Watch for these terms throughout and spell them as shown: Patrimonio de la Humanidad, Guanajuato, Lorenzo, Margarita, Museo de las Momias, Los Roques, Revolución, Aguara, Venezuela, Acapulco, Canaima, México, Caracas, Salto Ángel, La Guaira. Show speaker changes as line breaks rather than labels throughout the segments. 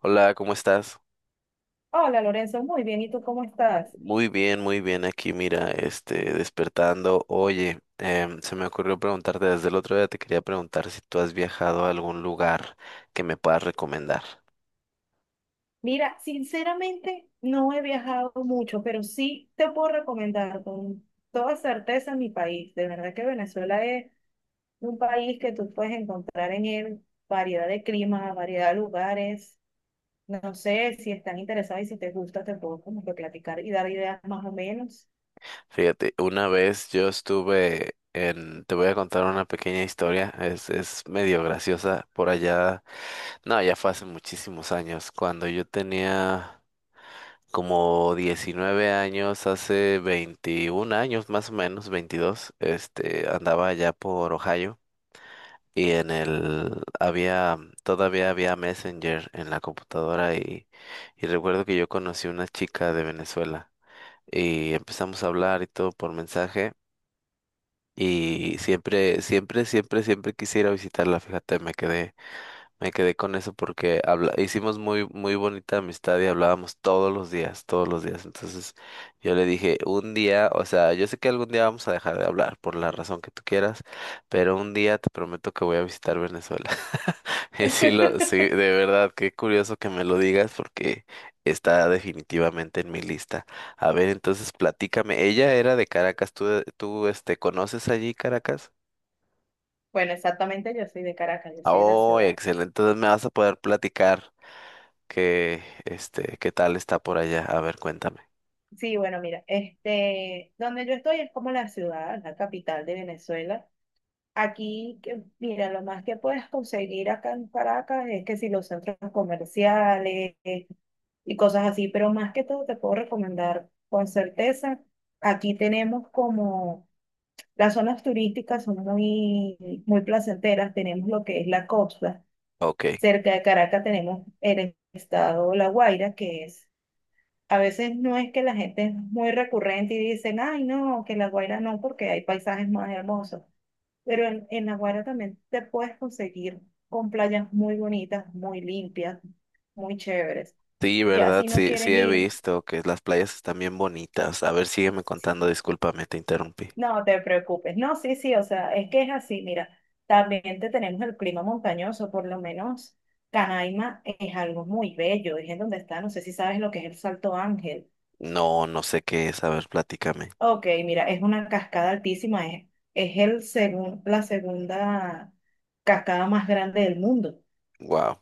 Hola, ¿cómo estás?
Hola Lorenzo, muy bien. ¿Y tú cómo estás?
Muy bien aquí, mira, este, despertando. Oye, se me ocurrió preguntarte desde el otro día, te quería preguntar si tú has viajado a algún lugar que me puedas recomendar.
Mira, sinceramente no he viajado mucho, pero sí te puedo recomendar con toda certeza mi país. De verdad que Venezuela es un país que tú puedes encontrar en él variedad de climas, variedad de lugares. No sé si están interesados y si te gusta, te puedo como que platicar y dar ideas más o menos.
Fíjate, una vez yo estuve en, te voy a contar una pequeña historia, es medio graciosa, por allá, no, ya fue hace muchísimos años, cuando yo tenía como 19 años, hace 21 años más o menos, 22, este, andaba allá por Ohio y en el había todavía había Messenger en la computadora y recuerdo que yo conocí una chica de Venezuela y empezamos a hablar y todo por mensaje y siempre quisiera visitarla, fíjate, me quedé con eso porque habla hicimos muy, muy bonita amistad y hablábamos todos los días, todos los días. Entonces yo le dije, un día, o sea, yo sé que algún día vamos a dejar de hablar por la razón que tú quieras, pero un día te prometo que voy a visitar Venezuela. Y sí, sí, de verdad, qué curioso que me lo digas porque está definitivamente en mi lista. A ver, entonces platícame. Ella era de Caracas, ¿tú este, conoces allí Caracas?
Bueno, exactamente, yo soy de Caracas, yo soy de la
Oh,
ciudad.
excelente, entonces me vas a poder platicar que, este, ¿qué tal está por allá? A ver, cuéntame.
Sí, bueno, mira, este, donde yo estoy es como la ciudad, la capital de Venezuela. Aquí, mira, lo más que puedes conseguir acá en Caracas es que si los centros comerciales y cosas así, pero más que todo te puedo recomendar con certeza. Aquí tenemos como las zonas turísticas son muy, muy placenteras. Tenemos lo que es la costa.
Ok.
Cerca de Caracas tenemos el estado La Guaira, que es, a veces no es que la gente es muy recurrente y dicen, ay, no, que La Guaira no, porque hay paisajes más hermosos. Pero en Aguara también te puedes conseguir con playas muy bonitas, muy limpias, muy chéveres.
Sí,
Ya
¿verdad?
si no
Sí, sí
quieres
he
ir,
visto que las playas están bien bonitas. A ver, sígueme
sí,
contando, discúlpame, te interrumpí.
no te preocupes. No, sí, sí, o sea, es que es así, mira, también te tenemos el clima montañoso, por lo menos Canaima es algo muy bello, es en donde está, no sé si sabes lo que es el Salto Ángel.
No, no sé qué es, a ver, platícame.
Ok, mira, es una cascada altísima, es el la segunda cascada más grande del mundo.
Wow.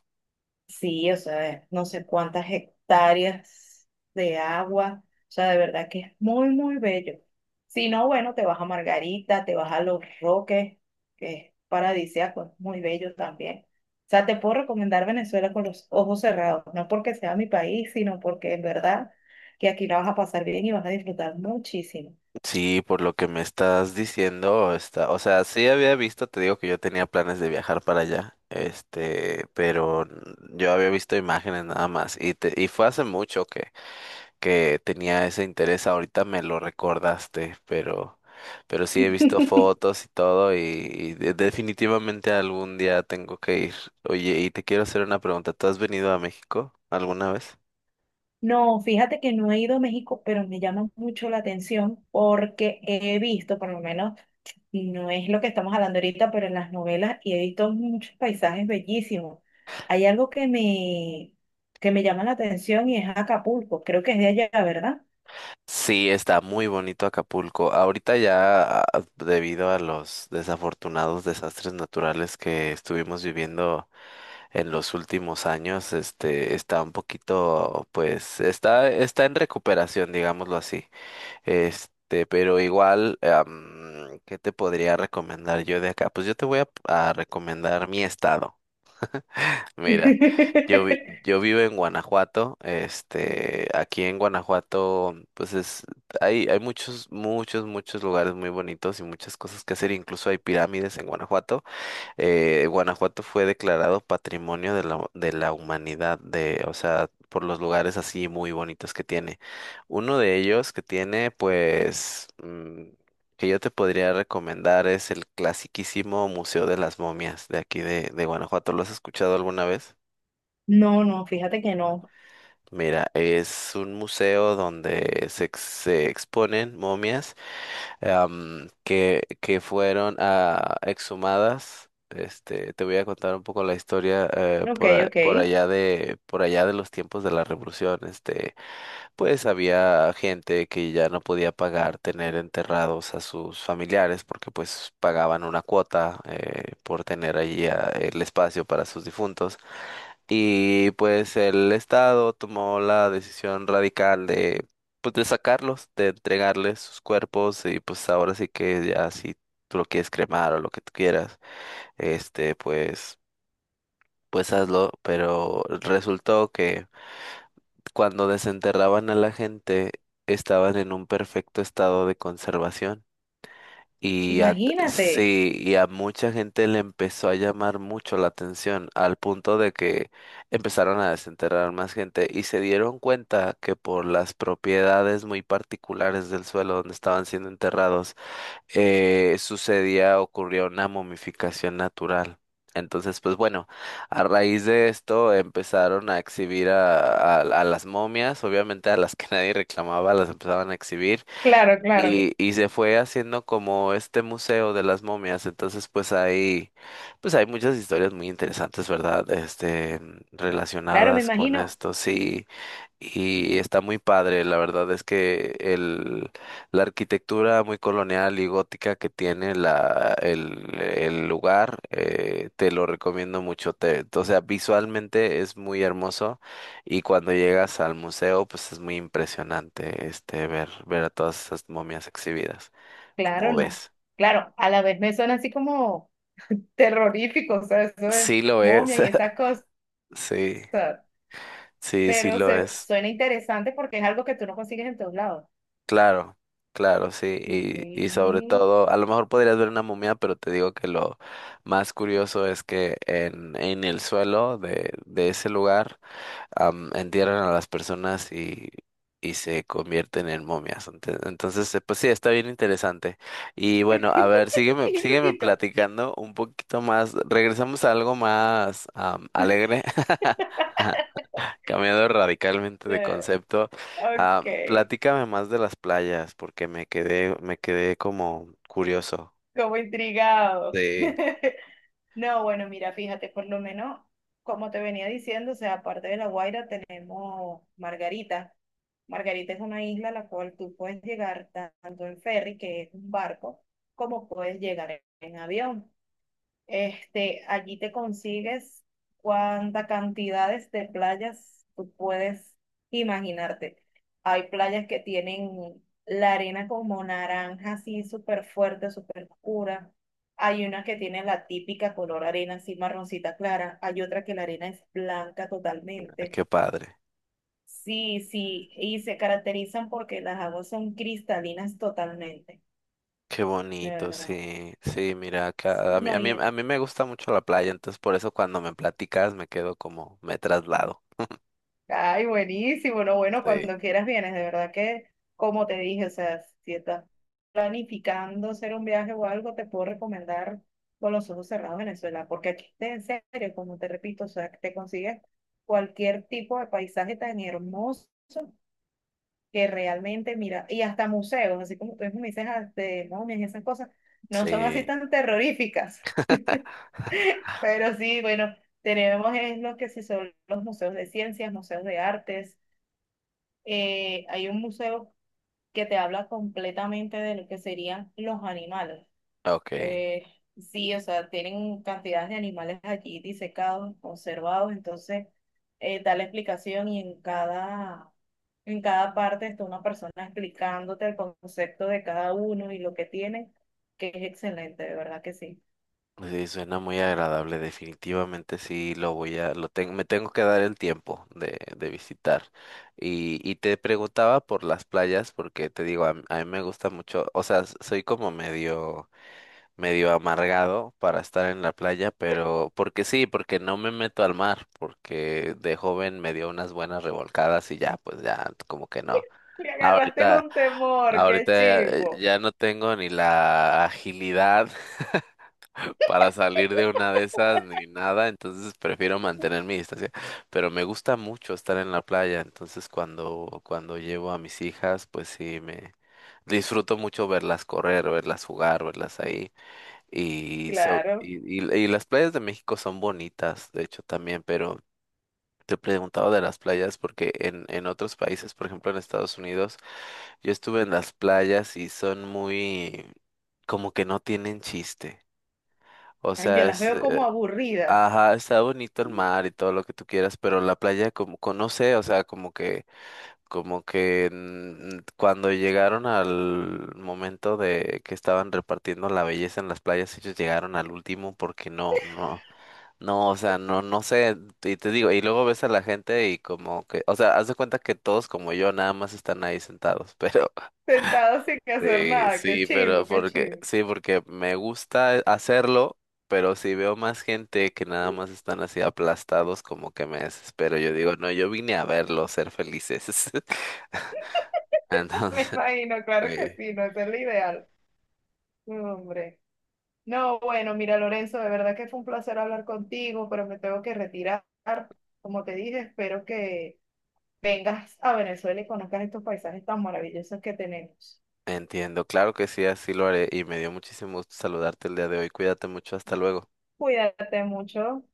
Sí, o sea, no sé cuántas hectáreas de agua, o sea, de verdad que es muy, muy bello. Si no, bueno, te vas a Margarita, te vas a Los Roques, que es paradisíaco, es muy bello también. O sea, te puedo recomendar Venezuela con los ojos cerrados, no porque sea mi país, sino porque en verdad que aquí la vas a pasar bien y vas a disfrutar muchísimo.
Sí, por lo que me estás diciendo, está, o sea, sí había visto, te digo que yo tenía planes de viajar para allá, este, pero yo había visto imágenes nada más y fue hace mucho que tenía ese interés, ahorita me lo recordaste, pero sí he visto fotos y todo y definitivamente algún día tengo que ir. Oye, y te quiero hacer una pregunta, ¿tú has venido a México alguna vez?
No, fíjate que no he ido a México, pero me llama mucho la atención porque he visto, por lo menos, no es lo que estamos hablando ahorita, pero en las novelas y he visto muchos paisajes bellísimos. Hay algo que que me llama la atención y es Acapulco. Creo que es de allá, ¿verdad?
Sí, está muy bonito Acapulco. Ahorita ya, debido a los desafortunados desastres naturales que estuvimos viviendo en los últimos años, este, está un poquito, pues, está en recuperación, digámoslo así. Este, pero igual, ¿qué te podría recomendar yo de acá? Pues yo te voy a recomendar mi estado. Mira, yo vivo en Guanajuato. Este, aquí en Guanajuato, pues es, hay muchos lugares muy bonitos y muchas cosas que hacer. Incluso hay pirámides en Guanajuato, Guanajuato fue declarado Patrimonio de de la Humanidad, de, o sea, por los lugares así muy bonitos que tiene. Uno de ellos que tiene, pues, que yo te podría recomendar es el clasiquísimo Museo de las Momias de aquí de Guanajuato. ¿Lo has escuchado alguna vez?
No, no, fíjate que no.
Mira, es un museo donde se, se exponen momias, que fueron exhumadas. Este, te voy a contar un poco la historia,
Ok, ok.
por allá de los tiempos de la Revolución. Este, pues había gente que ya no podía pagar tener enterrados a sus familiares porque pues pagaban una cuota, por tener allí, el espacio para sus difuntos. Y pues el Estado tomó la decisión radical de, pues, de sacarlos, de entregarles sus cuerpos y pues ahora sí que ya si tú lo quieres cremar o lo que tú quieras, este, pues, pues hazlo. Pero resultó que cuando desenterraban a la gente estaban en un perfecto estado de conservación. Y a,
Imagínate.
sí, y a mucha gente le empezó a llamar mucho la atención, al punto de que empezaron a desenterrar más gente y se dieron cuenta que por las propiedades muy particulares del suelo donde estaban siendo enterrados, ocurrió una momificación natural. Entonces, pues bueno, a raíz de esto empezaron a exhibir a las momias, obviamente a las que nadie reclamaba, las empezaban a exhibir.
Claro, claro.
Y se fue haciendo como este museo de las momias, entonces pues hay muchas historias muy interesantes, ¿verdad? Este,
Claro, me
relacionadas con
imagino.
esto, sí, y está muy padre, la verdad es que la arquitectura muy colonial y gótica que tiene el lugar, te lo recomiendo mucho, o sea, visualmente es muy hermoso. Y cuando llegas al museo, pues es muy impresionante este ver a todas esas momias exhibidas.
Claro,
¿Cómo
no.
ves?
Claro, a la vez me suena así como terrorífico, o sea, eso de
Sí lo
momias
es.
y esas cosas.
Sí, sí, sí
Pero
lo es.
suena interesante porque es algo que tú no consigues en todos lados.
Claro, claro, sí.
Sí.
Y sobre todo, a lo mejor podrías ver una momia, pero te digo que lo más curioso es que en el suelo de ese lugar, entierran a las personas y se convierten en momias. Entonces, pues sí, está bien interesante. Y bueno, a ver,
Qué
sígueme
loquito.
platicando un poquito más. Regresamos a algo más, alegre, cambiando radicalmente de
Eh,
concepto. Ah,
ok,
platícame más de las playas, porque me quedé como curioso
como intrigado.
de.
No, bueno, mira, fíjate, por lo menos, como te venía diciendo, o sea, aparte de La Guaira tenemos Margarita. Margarita es una isla a la cual tú puedes llegar tanto en ferry, que es un barco, como puedes llegar en avión. Este, allí te consigues cuántas cantidades de playas tú puedes imaginarte. Hay playas que tienen la arena como naranja, así súper fuerte, súper oscura. Hay una que tiene la típica color arena, así marroncita clara. Hay otra que la arena es blanca
Ay,
totalmente.
qué padre.
Sí, sí, y se caracterizan porque las aguas son cristalinas totalmente,
Qué
de
bonito,
verdad.
sí, sí, mira,
Sí,
acá,
no,
a mí me gusta mucho la playa, entonces por eso cuando me platicas me quedo como, me traslado.
ay, buenísimo, no, bueno,
Sí.
cuando quieras vienes, de verdad que, como te dije, o sea, si estás planificando hacer un viaje o algo, te puedo recomendar con los ojos cerrados Venezuela, porque aquí, en serio, como te repito, o sea, te consigues cualquier tipo de paisaje tan hermoso que realmente, mira, y hasta museos, así como tú mismo me dices, ah, de momias y esas cosas, no son
Sí,
así tan terroríficas. Pero sí, bueno, tenemos es lo que sí son los museos de ciencias, museos de artes, hay un museo que te habla completamente de lo que serían los animales.
ok,
Eh, sí, o sea, tienen cantidades de animales allí disecados, conservados, entonces da la explicación y en cada parte está una persona explicándote el concepto de cada uno y lo que tiene, que es excelente, de verdad que sí.
sí, suena muy agradable, definitivamente sí, lo tengo, me tengo que dar el tiempo de visitar. Y te preguntaba por las playas, porque te digo, a mí me gusta mucho, o sea, soy como medio, medio amargado para estar en la playa, pero porque sí, porque no me meto al mar, porque de joven me dio unas buenas revolcadas y ya, pues ya, como que no.
Me agarraste
Ahorita,
un temor, qué
ahorita,
chivo.
ya no tengo ni la agilidad para salir de una de esas ni nada, entonces prefiero mantener mi distancia, pero me gusta mucho estar en la playa, entonces cuando llevo a mis hijas, pues sí, me disfruto mucho verlas correr, verlas jugar, verlas ahí. Y, so-
Claro.
y, y las playas de México son bonitas, de hecho también, pero te preguntaba de las playas porque en otros países, por ejemplo en Estados Unidos, yo estuve en las playas y son muy como que no tienen chiste. O
Ay, yo
sea,
las veo como aburridas.
ajá, está bonito el mar y todo lo que tú quieras, pero la playa como, no sé, o sea, como que cuando llegaron al momento de que estaban repartiendo la belleza en las playas, ellos llegaron al último porque no, no. No, o sea, no, no sé, y te digo, y luego ves a la gente y como que, o sea, haz de cuenta que todos como yo nada más están ahí sentados, pero
Sentado sin hacer
sí,
nada. Qué
sí, pero
chimbo, qué
porque,
chimbo.
sí, porque me gusta hacerlo, pero si veo más gente que nada más están así aplastados, como que me desespero. Yo digo, no, yo vine a verlos ser felices.
Me
Entonces,
imagino,
sí,
claro que sí, no, ese es lo ideal. No, hombre. No, bueno, mira, Lorenzo, de verdad que fue un placer hablar contigo, pero me tengo que retirar. Como te dije, espero que vengas a Venezuela y conozcas estos paisajes tan maravillosos que tenemos.
entiendo, claro que sí, así lo haré, y me dio muchísimo gusto saludarte el día de hoy. Cuídate mucho, hasta luego.
Cuídate mucho.